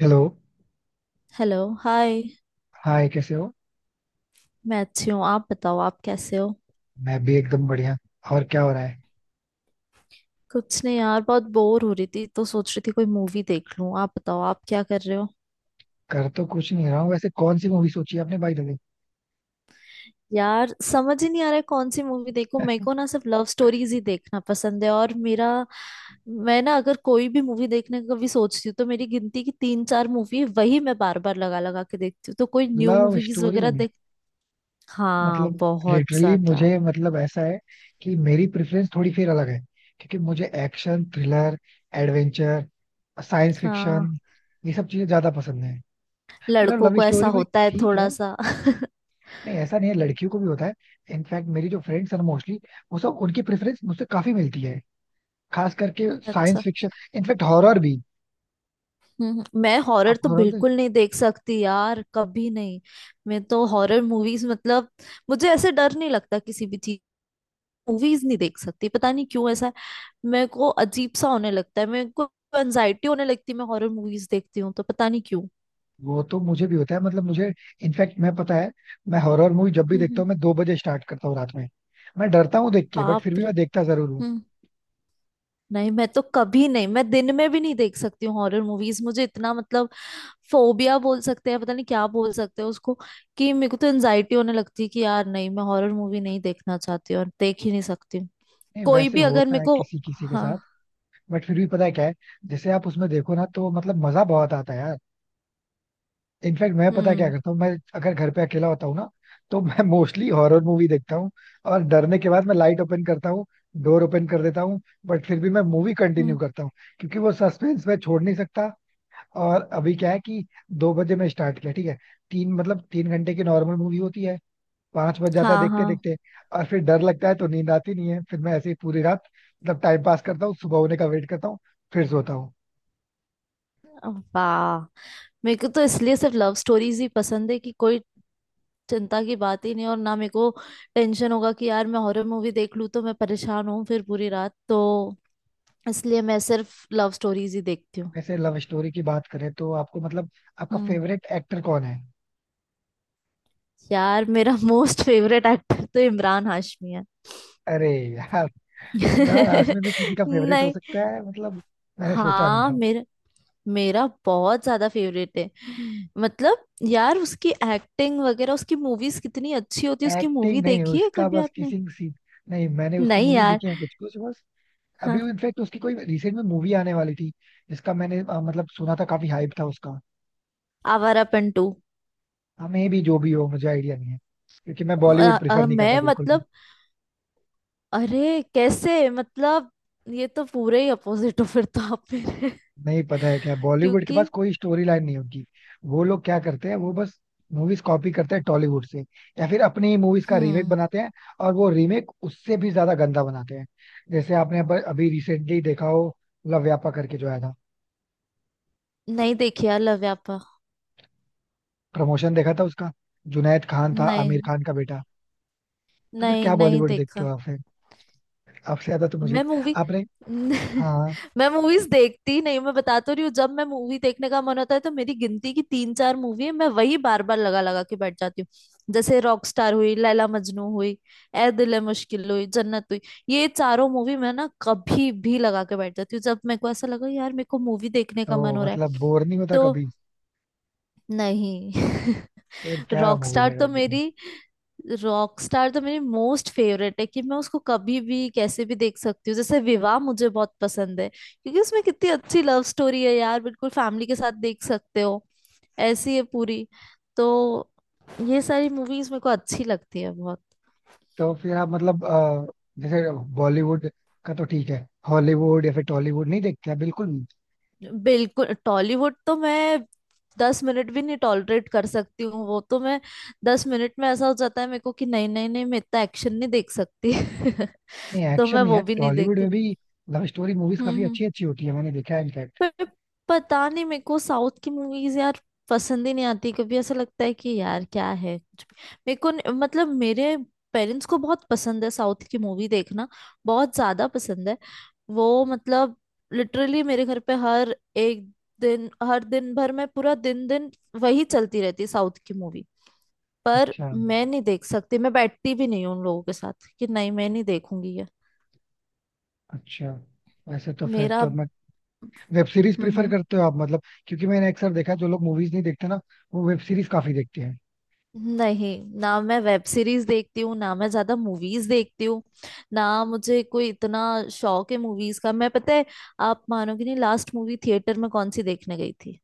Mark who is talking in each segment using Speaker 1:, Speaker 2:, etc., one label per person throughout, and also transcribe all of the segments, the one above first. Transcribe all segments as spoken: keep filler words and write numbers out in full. Speaker 1: Hello.
Speaker 2: Hello hi.
Speaker 1: Hi कैसे हो?
Speaker 2: मैं अच्छी हूँ, आप बताओ आप कैसे हो?
Speaker 1: मैं भी एकदम बढ़िया। और क्या हो रहा है?
Speaker 2: कुछ नहीं यार, बहुत बोर हो रही थी तो सोच रही थी कोई मूवी देख लूँ। आप बताओ आप क्या कर रहे हो?
Speaker 1: कर तो कुछ नहीं रहा हूँ। वैसे कौन सी मूवी सोची आपने, भाई दादी?
Speaker 2: यार समझ ही नहीं आ रहा है कौन सी मूवी देखूं। मेरे को ना सिर्फ लव स्टोरीज ही देखना पसंद है, और मेरा, मैं ना अगर कोई भी मूवी देखने का कभी सोचती हूँ तो मेरी गिनती की तीन चार मूवी है, वही मैं बार बार लगा लगा के देखती हूँ। तो कोई न्यू
Speaker 1: लव
Speaker 2: मूवीज
Speaker 1: स्टोरी?
Speaker 2: वगैरह देख। हाँ
Speaker 1: मतलब
Speaker 2: बहुत
Speaker 1: लिटरली
Speaker 2: ज्यादा।
Speaker 1: मुझे, मतलब ऐसा है कि मेरी प्रेफरेंस थोड़ी फिर अलग है। क्योंकि मुझे एक्शन थ्रिलर, एडवेंचर, साइंस
Speaker 2: हाँ,
Speaker 1: फिक्शन, ये सब चीजें ज्यादा पसंद है। मतलब
Speaker 2: लड़कों
Speaker 1: लव
Speaker 2: को ऐसा
Speaker 1: स्टोरी भी
Speaker 2: होता है
Speaker 1: ठीक है।
Speaker 2: थोड़ा सा
Speaker 1: नहीं ऐसा नहीं है, लड़कियों को भी होता है। इनफैक्ट मेरी जो फ्रेंड्स हैं मोस्टली, वो सब उनकी प्रेफरेंस मुझसे काफी मिलती है। खास करके साइंस
Speaker 2: अच्छा।
Speaker 1: फिक्शन। इनफैक्ट हॉरर भी।
Speaker 2: हम्म, मैं हॉरर
Speaker 1: आप
Speaker 2: तो
Speaker 1: हॉरर देख...
Speaker 2: बिल्कुल नहीं देख सकती यार, कभी नहीं। मैं तो हॉरर मूवीज मतलब मुझे ऐसे डर नहीं लगता किसी भी चीज, मूवीज नहीं देख सकती। पता नहीं क्यों ऐसा है। मेरे को अजीब सा होने लगता है, मेरे को एनजाइटी होने लगती है। मैं हॉरर मूवीज देखती हूँ तो पता नहीं क्यों।
Speaker 1: वो तो मुझे भी होता है। मतलब मुझे, इनफैक्ट मैं पता है, मैं हॉरर मूवी जब भी देखता
Speaker 2: हम्म।
Speaker 1: हूँ मैं दो बजे स्टार्ट करता हूँ रात में। मैं डरता हूँ देख के, बट फिर
Speaker 2: बाप
Speaker 1: भी
Speaker 2: रे।
Speaker 1: मैं देखता जरूर हूँ।
Speaker 2: हम्म। नहीं, मैं तो कभी नहीं, मैं दिन में भी नहीं देख सकती हूँ हॉरर मूवीज। मुझे इतना मतलब फोबिया बोल सकते हैं, पता नहीं क्या बोल सकते हैं उसको, कि मेरे को तो एनजाइटी होने लगती है कि यार नहीं, मैं हॉरर मूवी नहीं देखना चाहती और देख ही नहीं सकती हूँ।
Speaker 1: नहीं
Speaker 2: कोई
Speaker 1: वैसे
Speaker 2: भी अगर
Speaker 1: होता
Speaker 2: मेरे
Speaker 1: है
Speaker 2: को।
Speaker 1: किसी किसी के
Speaker 2: हाँ।
Speaker 1: साथ। बट फिर भी पता है क्या है, जैसे आप उसमें देखो ना तो मतलब मजा बहुत आता है यार। इनफैक्ट मैं पता है क्या
Speaker 2: हम्म,
Speaker 1: करता हूँ, मैं अगर घर पे अकेला होता हूँ ना तो मैं मोस्टली हॉरर मूवी देखता हूँ। और डरने के बाद मैं लाइट ओपन करता हूँ, डोर ओपन कर देता हूँ, बट फिर भी मैं मूवी कंटिन्यू
Speaker 2: हम्म।
Speaker 1: करता हूँ। क्योंकि वो सस्पेंस मैं छोड़ नहीं सकता। और अभी क्या है कि दो बजे मैं स्टार्ट किया, ठीक है, तीन, मतलब तीन घंटे की नॉर्मल मूवी होती है, पांच बज जाता है
Speaker 2: हाँ
Speaker 1: देखते
Speaker 2: हाँ।
Speaker 1: देखते। और फिर डर लगता है तो नींद आती नहीं है, फिर मैं ऐसे ही पूरी रात, मतलब टाइम पास करता हूँ, सुबह होने का वेट करता हूँ, फिर सोता हूँ।
Speaker 2: वाह। मेरे को तो इसलिए सिर्फ लव स्टोरीज ही पसंद है कि कोई चिंता की बात ही नहीं, और ना मेरे को टेंशन होगा कि यार मैं हॉरर मूवी देख लूँ तो मैं परेशान हूँ फिर पूरी रात। तो इसलिए मैं सिर्फ लव स्टोरीज ही देखती हूँ।
Speaker 1: वैसे लव स्टोरी की बात करें तो आपको, मतलब आपका
Speaker 2: हम्म।
Speaker 1: फेवरेट एक्टर कौन है?
Speaker 2: यार मेरा मोस्ट फेवरेट एक्टर तो इमरान हाशमी है।
Speaker 1: अरे यार, इमरान हाशमी भी किसी का फेवरेट हो
Speaker 2: नहीं।
Speaker 1: सकता है, मतलब मैंने सोचा नहीं
Speaker 2: हाँ,
Speaker 1: था।
Speaker 2: मेरा मेरा बहुत ज्यादा फेवरेट है। मतलब यार उसकी एक्टिंग वगैरह, उसकी मूवीज कितनी अच्छी होती है। उसकी मूवी
Speaker 1: एक्टिंग नहीं,
Speaker 2: देखी है
Speaker 1: उसका
Speaker 2: कभी
Speaker 1: बस
Speaker 2: आपने?
Speaker 1: Kissing scene. नहीं मैंने उसकी
Speaker 2: नहीं
Speaker 1: मूवी
Speaker 2: यार।
Speaker 1: देखी है कुछ कुछ बस। अभी
Speaker 2: हाँ।
Speaker 1: इनफेक्ट उसकी कोई रिसेंट में मूवी आने वाली थी, जिसका मैंने अ, मतलब सुना था, काफी हाइप था उसका।
Speaker 2: आवारापन टू।
Speaker 1: हाँ मे भी जो भी हो, मुझे आइडिया नहीं है। क्योंकि मैं बॉलीवुड
Speaker 2: अ-
Speaker 1: प्रिफर
Speaker 2: अ-
Speaker 1: नहीं करता
Speaker 2: मैं
Speaker 1: बिल्कुल भी।
Speaker 2: मतलब, अरे कैसे मतलब, ये तो पूरे ही अपोजिट हो फिर तो आप मेरे।
Speaker 1: नहीं पता है क्या, बॉलीवुड के पास
Speaker 2: क्योंकि।
Speaker 1: कोई स्टोरी लाइन नहीं होती। वो लोग क्या करते हैं, वो बस मूवीज कॉपी करते हैं टॉलीवुड से, या फिर अपनी ही मूवीज का रीमेक
Speaker 2: हम्म।
Speaker 1: बनाते हैं। और वो रीमेक उससे भी ज्यादा गंदा बनाते हैं। जैसे आपने अब- अभी रिसेंटली देखा हो, लव व्यापा करके जो आया था,
Speaker 2: नहीं देखी यार लव्यापा।
Speaker 1: प्रमोशन देखा था उसका, जुनैद खान था,
Speaker 2: नहीं
Speaker 1: आमिर खान का बेटा। तो फिर
Speaker 2: नहीं,
Speaker 1: क्या
Speaker 2: नहीं
Speaker 1: बॉलीवुड देखते
Speaker 2: देखा।
Speaker 1: हो आप? आपसे ज्यादा तो मुझे...
Speaker 2: मैं मूवी
Speaker 1: आपने... हाँ।
Speaker 2: मैं मूवीज देखती ही नहीं। मैं बता तो रही हूँ, जब मैं मूवी देखने का मन होता है तो मेरी गिनती की तीन चार मूवी है, मैं वही बार बार लगा लगा के बैठ जाती हूँ। जैसे रॉकस्टार हुई, लैला मजनू हुई, ए दिल है मुश्किल हुई, जन्नत हुई। ये चारों मूवी मैं ना कभी भी लगा के बैठ जाती हूँ जब मेरे को ऐसा लगा यार मेरे को मूवी देखने का मन
Speaker 1: तो
Speaker 2: हो रहा
Speaker 1: मतलब
Speaker 2: है।
Speaker 1: बोर नहीं होता
Speaker 2: तो
Speaker 1: कभी?
Speaker 2: नहीं।
Speaker 1: फिर क्या मूवी
Speaker 2: रॉकस्टार
Speaker 1: लगा
Speaker 2: तो
Speaker 1: के
Speaker 2: मेरी
Speaker 1: देखोगे?
Speaker 2: रॉकस्टार तो मेरी मोस्ट फेवरेट है कि मैं उसको कभी भी कैसे भी देख सकती हूँ। जैसे विवाह मुझे बहुत पसंद है, क्योंकि उसमें कितनी अच्छी लव स्टोरी है यार, बिल्कुल फैमिली के साथ देख सकते हो। ऐसी है पूरी। तो ये सारी मूवीज मेरे को अच्छी लगती है बहुत।
Speaker 1: तो फिर आप, मतलब अ, जैसे बॉलीवुड का तो ठीक है, हॉलीवुड या फिर टॉलीवुड नहीं देखते हैं बिल्कुल भी?
Speaker 2: बिल्कुल, टॉलीवुड तो मैं दस मिनट भी नहीं टॉलरेट कर सकती हूँ। वो तो मैं, दस मिनट में ऐसा हो जाता है मेरे को कि नहीं नहीं नहीं, मैं इतना एक्शन नहीं देख सकती
Speaker 1: नहीं
Speaker 2: तो मैं
Speaker 1: एक्शन नहीं
Speaker 2: वो
Speaker 1: है
Speaker 2: भी नहीं
Speaker 1: टॉलीवुड में
Speaker 2: देखती।
Speaker 1: भी, लव स्टोरी मूवीज काफी
Speaker 2: हम्म।
Speaker 1: अच्छी अच्छी होती है, मैंने देखा है इनफैक्ट।
Speaker 2: पर पता नहीं मेरे को साउथ की मूवीज यार पसंद ही नहीं आती, कभी ऐसा लगता है कि यार क्या है कुछ भी। मेरे को न- मतलब मेरे पेरेंट्स को बहुत पसंद है साउथ की मूवी देखना, बहुत ज्यादा पसंद है। वो मतलब लिटरली मेरे घर पे हर एक दिन, हर दिन भर में पूरा दिन दिन वही चलती रहती है साउथ की मूवी। पर
Speaker 1: अच्छा,
Speaker 2: मैं नहीं देख सकती, मैं बैठती भी नहीं हूँ उन लोगों के साथ कि नहीं मैं नहीं देखूंगी ये।
Speaker 1: अच्छा। वैसे तो फिर
Speaker 2: मेरा।
Speaker 1: तो मैं... वेब सीरीज
Speaker 2: हम्म,
Speaker 1: प्रिफर
Speaker 2: हम्म।
Speaker 1: करते हो आप, मतलब क्योंकि मैंने अक्सर देखा है, जो लोग मूवीज नहीं देखते ना वो वेब सीरीज काफी देखते हैं।
Speaker 2: नहीं, ना मैं वेब सीरीज देखती हूँ ना मैं ज्यादा मूवीज देखती हूँ, ना मुझे कोई इतना शौक है मूवीज का। मैं, पता है आप मानोगे नहीं, लास्ट मूवी थिएटर में कौन सी देखने गई थी?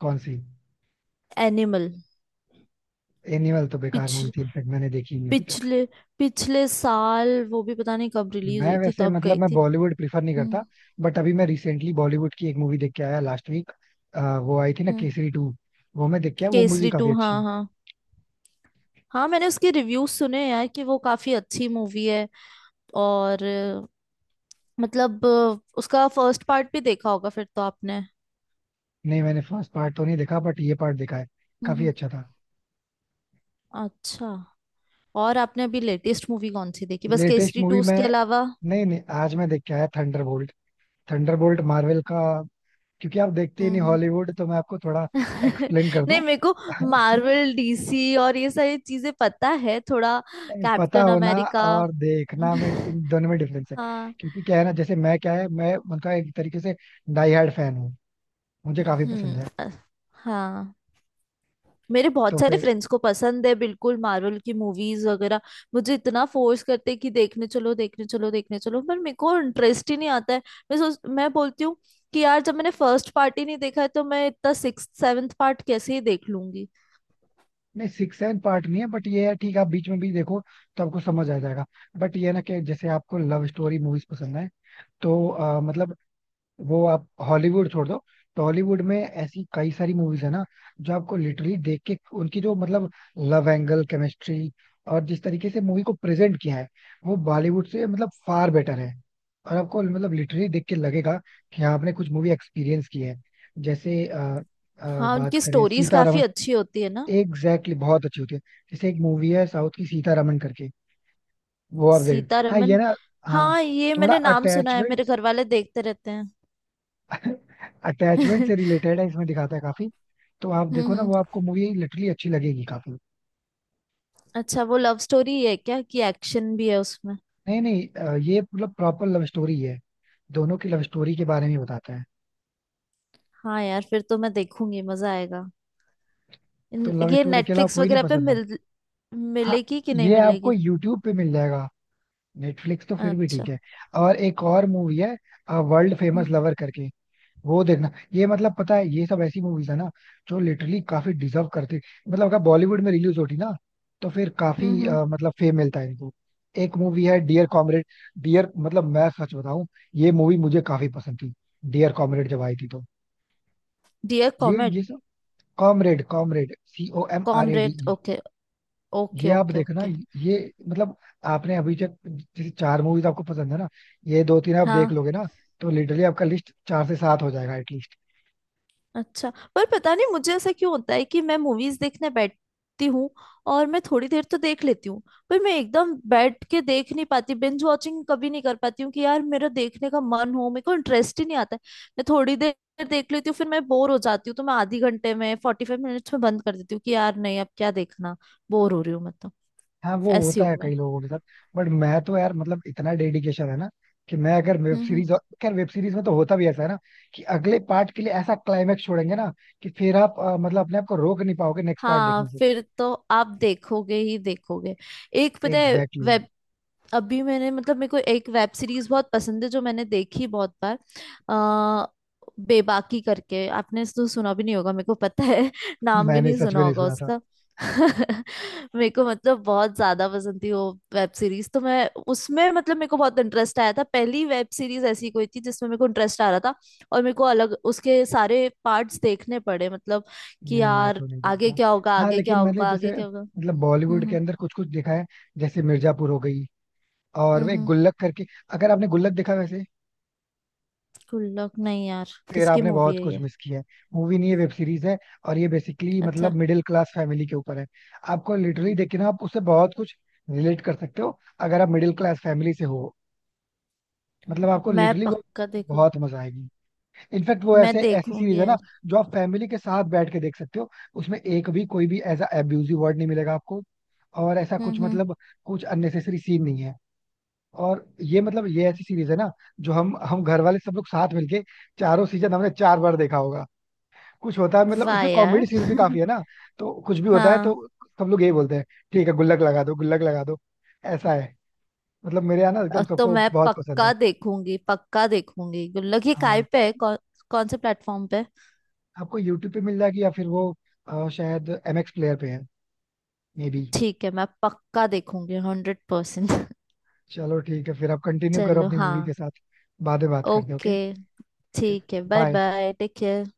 Speaker 1: कौन सी?
Speaker 2: एनिमल।
Speaker 1: एनिमल तो बेकार
Speaker 2: पिछ
Speaker 1: मूवी थी, इनफैक्ट मैंने देखी नहीं अभी तक।
Speaker 2: पिछले पिछले साल वो भी पता नहीं कब रिलीज
Speaker 1: मैं
Speaker 2: हुई थी
Speaker 1: वैसे,
Speaker 2: तब
Speaker 1: मतलब
Speaker 2: गई
Speaker 1: मैं
Speaker 2: थी।
Speaker 1: बॉलीवुड प्रिफर नहीं करता,
Speaker 2: हम्म
Speaker 1: बट अभी मैं रिसेंटली बॉलीवुड की एक मूवी देख के आया लास्ट वीक। वो आई थी ना
Speaker 2: हम्म।
Speaker 1: केसरी टू, वो मैं देख के आया, वो मूवी
Speaker 2: केसरी
Speaker 1: काफी
Speaker 2: टू, हाँ
Speaker 1: अच्छी है।
Speaker 2: हाँ। हाँ, मैंने उसके रिव्यूज सुने यार कि वो काफी अच्छी मूवी है। और अ, मतलब अ, उसका फर्स्ट पार्ट भी देखा होगा फिर तो आपने?
Speaker 1: नहीं मैंने फर्स्ट पार्ट तो नहीं देखा, बट ये पार्ट देखा है, काफी
Speaker 2: हम्म।
Speaker 1: अच्छा था।
Speaker 2: अच्छा। और आपने अभी लेटेस्ट मूवी कौन सी देखी बस
Speaker 1: लेटेस्ट
Speaker 2: केसरी टू
Speaker 1: मूवी मैं,
Speaker 2: उसके अलावा?
Speaker 1: नहीं नहीं आज मैं देख के आया थंडरबोल्ट, थंडरबोल्ट मार्वल का। क्योंकि आप देखते ही नहीं
Speaker 2: हम्म।
Speaker 1: हॉलीवुड, तो मैं आपको थोड़ा
Speaker 2: हम्म।
Speaker 1: एक्सप्लेन कर
Speaker 2: नहीं,
Speaker 1: दूं।
Speaker 2: मेरे को मार्वल, डीसी और ये सारी चीजें पता है थोड़ा,
Speaker 1: नहीं, पता
Speaker 2: कैप्टन
Speaker 1: होना
Speaker 2: अमेरिका
Speaker 1: और देखना, में इन दोनों में डिफरेंस है।
Speaker 2: हाँ।
Speaker 1: क्योंकि क्या है ना, जैसे मैं क्या है, मैं उनका एक तरीके से डाई हार्ड फैन हूँ, मुझे काफी
Speaker 2: हम्म
Speaker 1: पसंद है।
Speaker 2: अ- हाँ, मेरे
Speaker 1: तो
Speaker 2: बहुत सारे
Speaker 1: फिर...
Speaker 2: फ्रेंड्स को पसंद है बिल्कुल मार्वल की मूवीज वगैरह। मुझे इतना फोर्स करते हैं कि देखने चलो देखने चलो देखने चलो, पर मेरे को इंटरेस्ट ही नहीं आता है। मैं सोच मैं बोलती हूँ कि यार जब मैंने फर्स्ट पार्ट ही नहीं देखा है तो मैं इतना सिक्स सेवन्थ पार्ट कैसे ही देख लूंगी।
Speaker 1: नहीं सिक्स एंड पार्ट नहीं है, बट ये है, ठीक है आप बीच में भी देखो तो आपको समझ आ जाएगा। बट ये है ना कि जैसे आपको लव स्टोरी मूवीज पसंद है तो अ, मतलब वो आप हॉलीवुड छोड़ दो, टॉलीवुड में ऐसी कई सारी मूवीज है ना जो आपको लिटरली देख के उनकी जो मतलब लव एंगल, केमिस्ट्री और जिस तरीके से मूवी को प्रेजेंट किया है, वो बॉलीवुड से मतलब फार बेटर है। और आपको मतलब लिटरली देख के लगेगा कि हाँ आपने कुछ मूवी एक्सपीरियंस की है। जैसे अ, अ,
Speaker 2: हाँ,
Speaker 1: बात
Speaker 2: उनकी
Speaker 1: करें
Speaker 2: स्टोरीज काफी
Speaker 1: सीतारमण,
Speaker 2: अच्छी होती है ना।
Speaker 1: एग्जैक्टली बहुत अच्छी होती है। जैसे एक मूवी है साउथ की सीतारमन करके, वो आप देख... हाँ ये
Speaker 2: सीतारमन?
Speaker 1: ना, हाँ।
Speaker 2: हाँ, ये
Speaker 1: थोड़ा
Speaker 2: मैंने नाम सुना है,
Speaker 1: अटैचमेंट,
Speaker 2: मेरे घर वाले देखते रहते हैं।
Speaker 1: अटैचमेंट
Speaker 2: हम्म।
Speaker 1: से रिलेटेड है, इसमें दिखाता है काफी। तो आप देखो ना,
Speaker 2: हम्म।
Speaker 1: वो आपको मूवी लिटरली अच्छी लगेगी काफी।
Speaker 2: अच्छा, वो लव स्टोरी है क्या कि एक्शन भी है उसमें?
Speaker 1: नहीं नहीं अ, ये मतलब प्रॉपर लव स्टोरी है, दोनों की लव स्टोरी के बारे में बताता है।
Speaker 2: हाँ यार, फिर तो मैं देखूंगी, मजा आएगा।
Speaker 1: तो
Speaker 2: इन-
Speaker 1: लव
Speaker 2: ये
Speaker 1: स्टोरी के अलावा
Speaker 2: नेटफ्लिक्स
Speaker 1: कोई नहीं
Speaker 2: वगैरह पे
Speaker 1: पसंद है?
Speaker 2: मिल
Speaker 1: हाँ।
Speaker 2: मिलेगी कि नहीं
Speaker 1: ये आपको
Speaker 2: मिलेगी?
Speaker 1: यूट्यूब पे मिल जाएगा, नेटफ्लिक्स तो फिर भी
Speaker 2: अच्छा।
Speaker 1: ठीक है। और एक और मूवी है, वर्ल्ड
Speaker 2: हम्म
Speaker 1: फेमस लवर करके, वो देखना। ये मतलब पता है, ये सब ऐसी मूवीज है ना जो लिटरली काफी डिजर्व करती, मतलब अगर बॉलीवुड में रिलीज होती ना तो फिर काफी
Speaker 2: हम्म।
Speaker 1: अ, मतलब फेम मिलता है इनको। एक मूवी है डियर कॉमरेड, डियर... मतलब मैं सच बताऊं, ये मूवी मुझे काफी पसंद थी डियर कॉमरेड जब आई थी तो।
Speaker 2: डियर
Speaker 1: ये
Speaker 2: कॉमेड?
Speaker 1: ये सब Comrade, Comrade C O M R A D
Speaker 2: Comrade,
Speaker 1: E
Speaker 2: okay, okay
Speaker 1: ये आप
Speaker 2: ओके
Speaker 1: देखना,
Speaker 2: ओके।
Speaker 1: ये मतलब आपने अभी तक जैसे चार मूवीज आपको पसंद है ना, ये दो तीन आप देख
Speaker 2: हाँ।
Speaker 1: लोगे ना तो लिटरली आपका लिस्ट चार से सात हो जाएगा एटलीस्ट।
Speaker 2: अच्छा, पर पता नहीं मुझे ऐसा क्यों होता है कि मैं मूवीज देखने बैठती हूँ और मैं थोड़ी देर तो देख लेती हूँ, पर मैं एकदम बैठ के देख नहीं पाती। बिंज वॉचिंग कभी नहीं कर पाती हूँ कि यार मेरा देखने का मन हो, मेरे को इंटरेस्ट ही नहीं आता है। मैं थोड़ी देर देख लेती हूँ फिर मैं बोर हो जाती हूँ, तो मैं आधी घंटे में फोर्टी फाइव मिनट्स में बंद कर देती हूँ कि यार नहीं अब क्या देखना, बोर हो रही हूँ मैं तो।
Speaker 1: हाँ वो
Speaker 2: ऐसी
Speaker 1: होता है
Speaker 2: हूँ मैं।
Speaker 1: कई लोगों के साथ, बट मैं तो यार मतलब इतना डेडिकेशन है ना कि मैं अगर वेब
Speaker 2: हम्म हम्म।
Speaker 1: सीरीज... खैर वेब सीरीज में तो होता भी ऐसा है ना कि अगले पार्ट के लिए ऐसा क्लाइमेक्स छोड़ेंगे ना कि फिर आप अ, मतलब अपने आप को रोक नहीं पाओगे नेक्स्ट पार्ट
Speaker 2: हाँ
Speaker 1: देखने से।
Speaker 2: फिर तो आप देखोगे ही देखोगे। एक पता है,
Speaker 1: एग्जैक्टली exactly.
Speaker 2: अभी मैंने मतलब मेरे को एक वेब सीरीज बहुत पसंद है जो मैंने देखी बहुत बार, आ, बेबाकी करके। आपने तो सुना भी नहीं होगा, मेरे को पता है नाम भी
Speaker 1: मैंने
Speaker 2: नहीं
Speaker 1: सच में
Speaker 2: सुना
Speaker 1: नहीं
Speaker 2: होगा
Speaker 1: सुना था।
Speaker 2: उसका। मेरे को मतलब बहुत ज्यादा पसंद थी वो वेब सीरीज। तो मैं, उसमें मतलब मेरे को बहुत इंटरेस्ट आया था, पहली वेब सीरीज ऐसी कोई थी जिसमें मेरे को इंटरेस्ट आ रहा था, और मेरे को अलग उसके सारे पार्ट्स देखने पड़े मतलब, कि
Speaker 1: नहीं मैं
Speaker 2: यार
Speaker 1: तो नहीं
Speaker 2: आगे
Speaker 1: देखता।
Speaker 2: क्या होगा
Speaker 1: हाँ
Speaker 2: आगे क्या
Speaker 1: लेकिन मैंने
Speaker 2: होगा आगे
Speaker 1: जैसे
Speaker 2: क्या होगा।
Speaker 1: मतलब बॉलीवुड के
Speaker 2: हम्म
Speaker 1: अंदर कुछ कुछ देखा है, जैसे मिर्जापुर हो गई, और
Speaker 2: हम्म
Speaker 1: वे
Speaker 2: हम्म।
Speaker 1: गुल्लक करके। अगर आपने गुल्लक देखा वैसे,
Speaker 2: गुड लक? नहीं यार,
Speaker 1: फिर
Speaker 2: किसकी
Speaker 1: आपने
Speaker 2: मूवी
Speaker 1: बहुत
Speaker 2: है
Speaker 1: कुछ
Speaker 2: ये?
Speaker 1: मिस किया है। मूवी नहीं है वेब सीरीज है, और ये बेसिकली
Speaker 2: अच्छा।
Speaker 1: मतलब मिडिल क्लास फैमिली के ऊपर है। आपको लिटरली देखिए ना, आप उससे बहुत कुछ रिलेट कर सकते हो अगर आप मिडिल क्लास फैमिली से हो। मतलब
Speaker 2: अब
Speaker 1: आपको
Speaker 2: मैं
Speaker 1: लिटरली वो
Speaker 2: पक्का देखूं।
Speaker 1: बहुत मजा आएगी। इनफैक्ट वो
Speaker 2: मैं
Speaker 1: ऐसे ऐसी
Speaker 2: देखूंगी
Speaker 1: सीरीज है ना
Speaker 2: यार।
Speaker 1: जो आप फैमिली के साथ बैठ के देख सकते हो। उसमें एक भी कोई भी ऐसा एब्यूजिव वर्ड नहीं मिलेगा आपको, और ऐसा
Speaker 2: हम्म
Speaker 1: कुछ
Speaker 2: हम्म।
Speaker 1: मतलब कुछ अननेसेसरी सीन नहीं है। और ये मतलब ये ऐसी सीरीज है ना जो हम हम घर वाले सब लोग साथ मिलके चारों सीजन हमने चार बार देखा होगा। कुछ होता है मतलब
Speaker 2: वाह
Speaker 1: उसमें कॉमेडी
Speaker 2: यार
Speaker 1: सीन भी काफी है ना, तो कुछ भी होता है तो
Speaker 2: हाँ।
Speaker 1: सब लोग यही बोलते हैं, ठीक है गुल्लक लगा दो, गुल्लक लगा दो। ऐसा है, मतलब मेरे यहाँ ना एकदम
Speaker 2: अब तो
Speaker 1: सबको
Speaker 2: मैं
Speaker 1: बहुत पसंद
Speaker 2: पक्का
Speaker 1: है।
Speaker 2: देखूंगी, पक्का देखूंगी। गुड लक, ये काय
Speaker 1: हाँ,
Speaker 2: पे है? कौन, कौन से प्लेटफॉर्म पे?
Speaker 1: आपको यूट्यूब पे मिल जाएगी या फिर वो अ, शायद एमएक्स प्लेयर पे है, मे बी।
Speaker 2: ठीक है मैं पक्का देखूंगी हंड्रेड परसेंट
Speaker 1: चलो ठीक है, फिर आप कंटिन्यू करो
Speaker 2: चलो
Speaker 1: अपनी
Speaker 2: हाँ।
Speaker 1: मूवी के साथ, बाद में बात करते हैं ओके।
Speaker 2: ओके। ठीक है, bye
Speaker 1: bye.
Speaker 2: Bye, take care.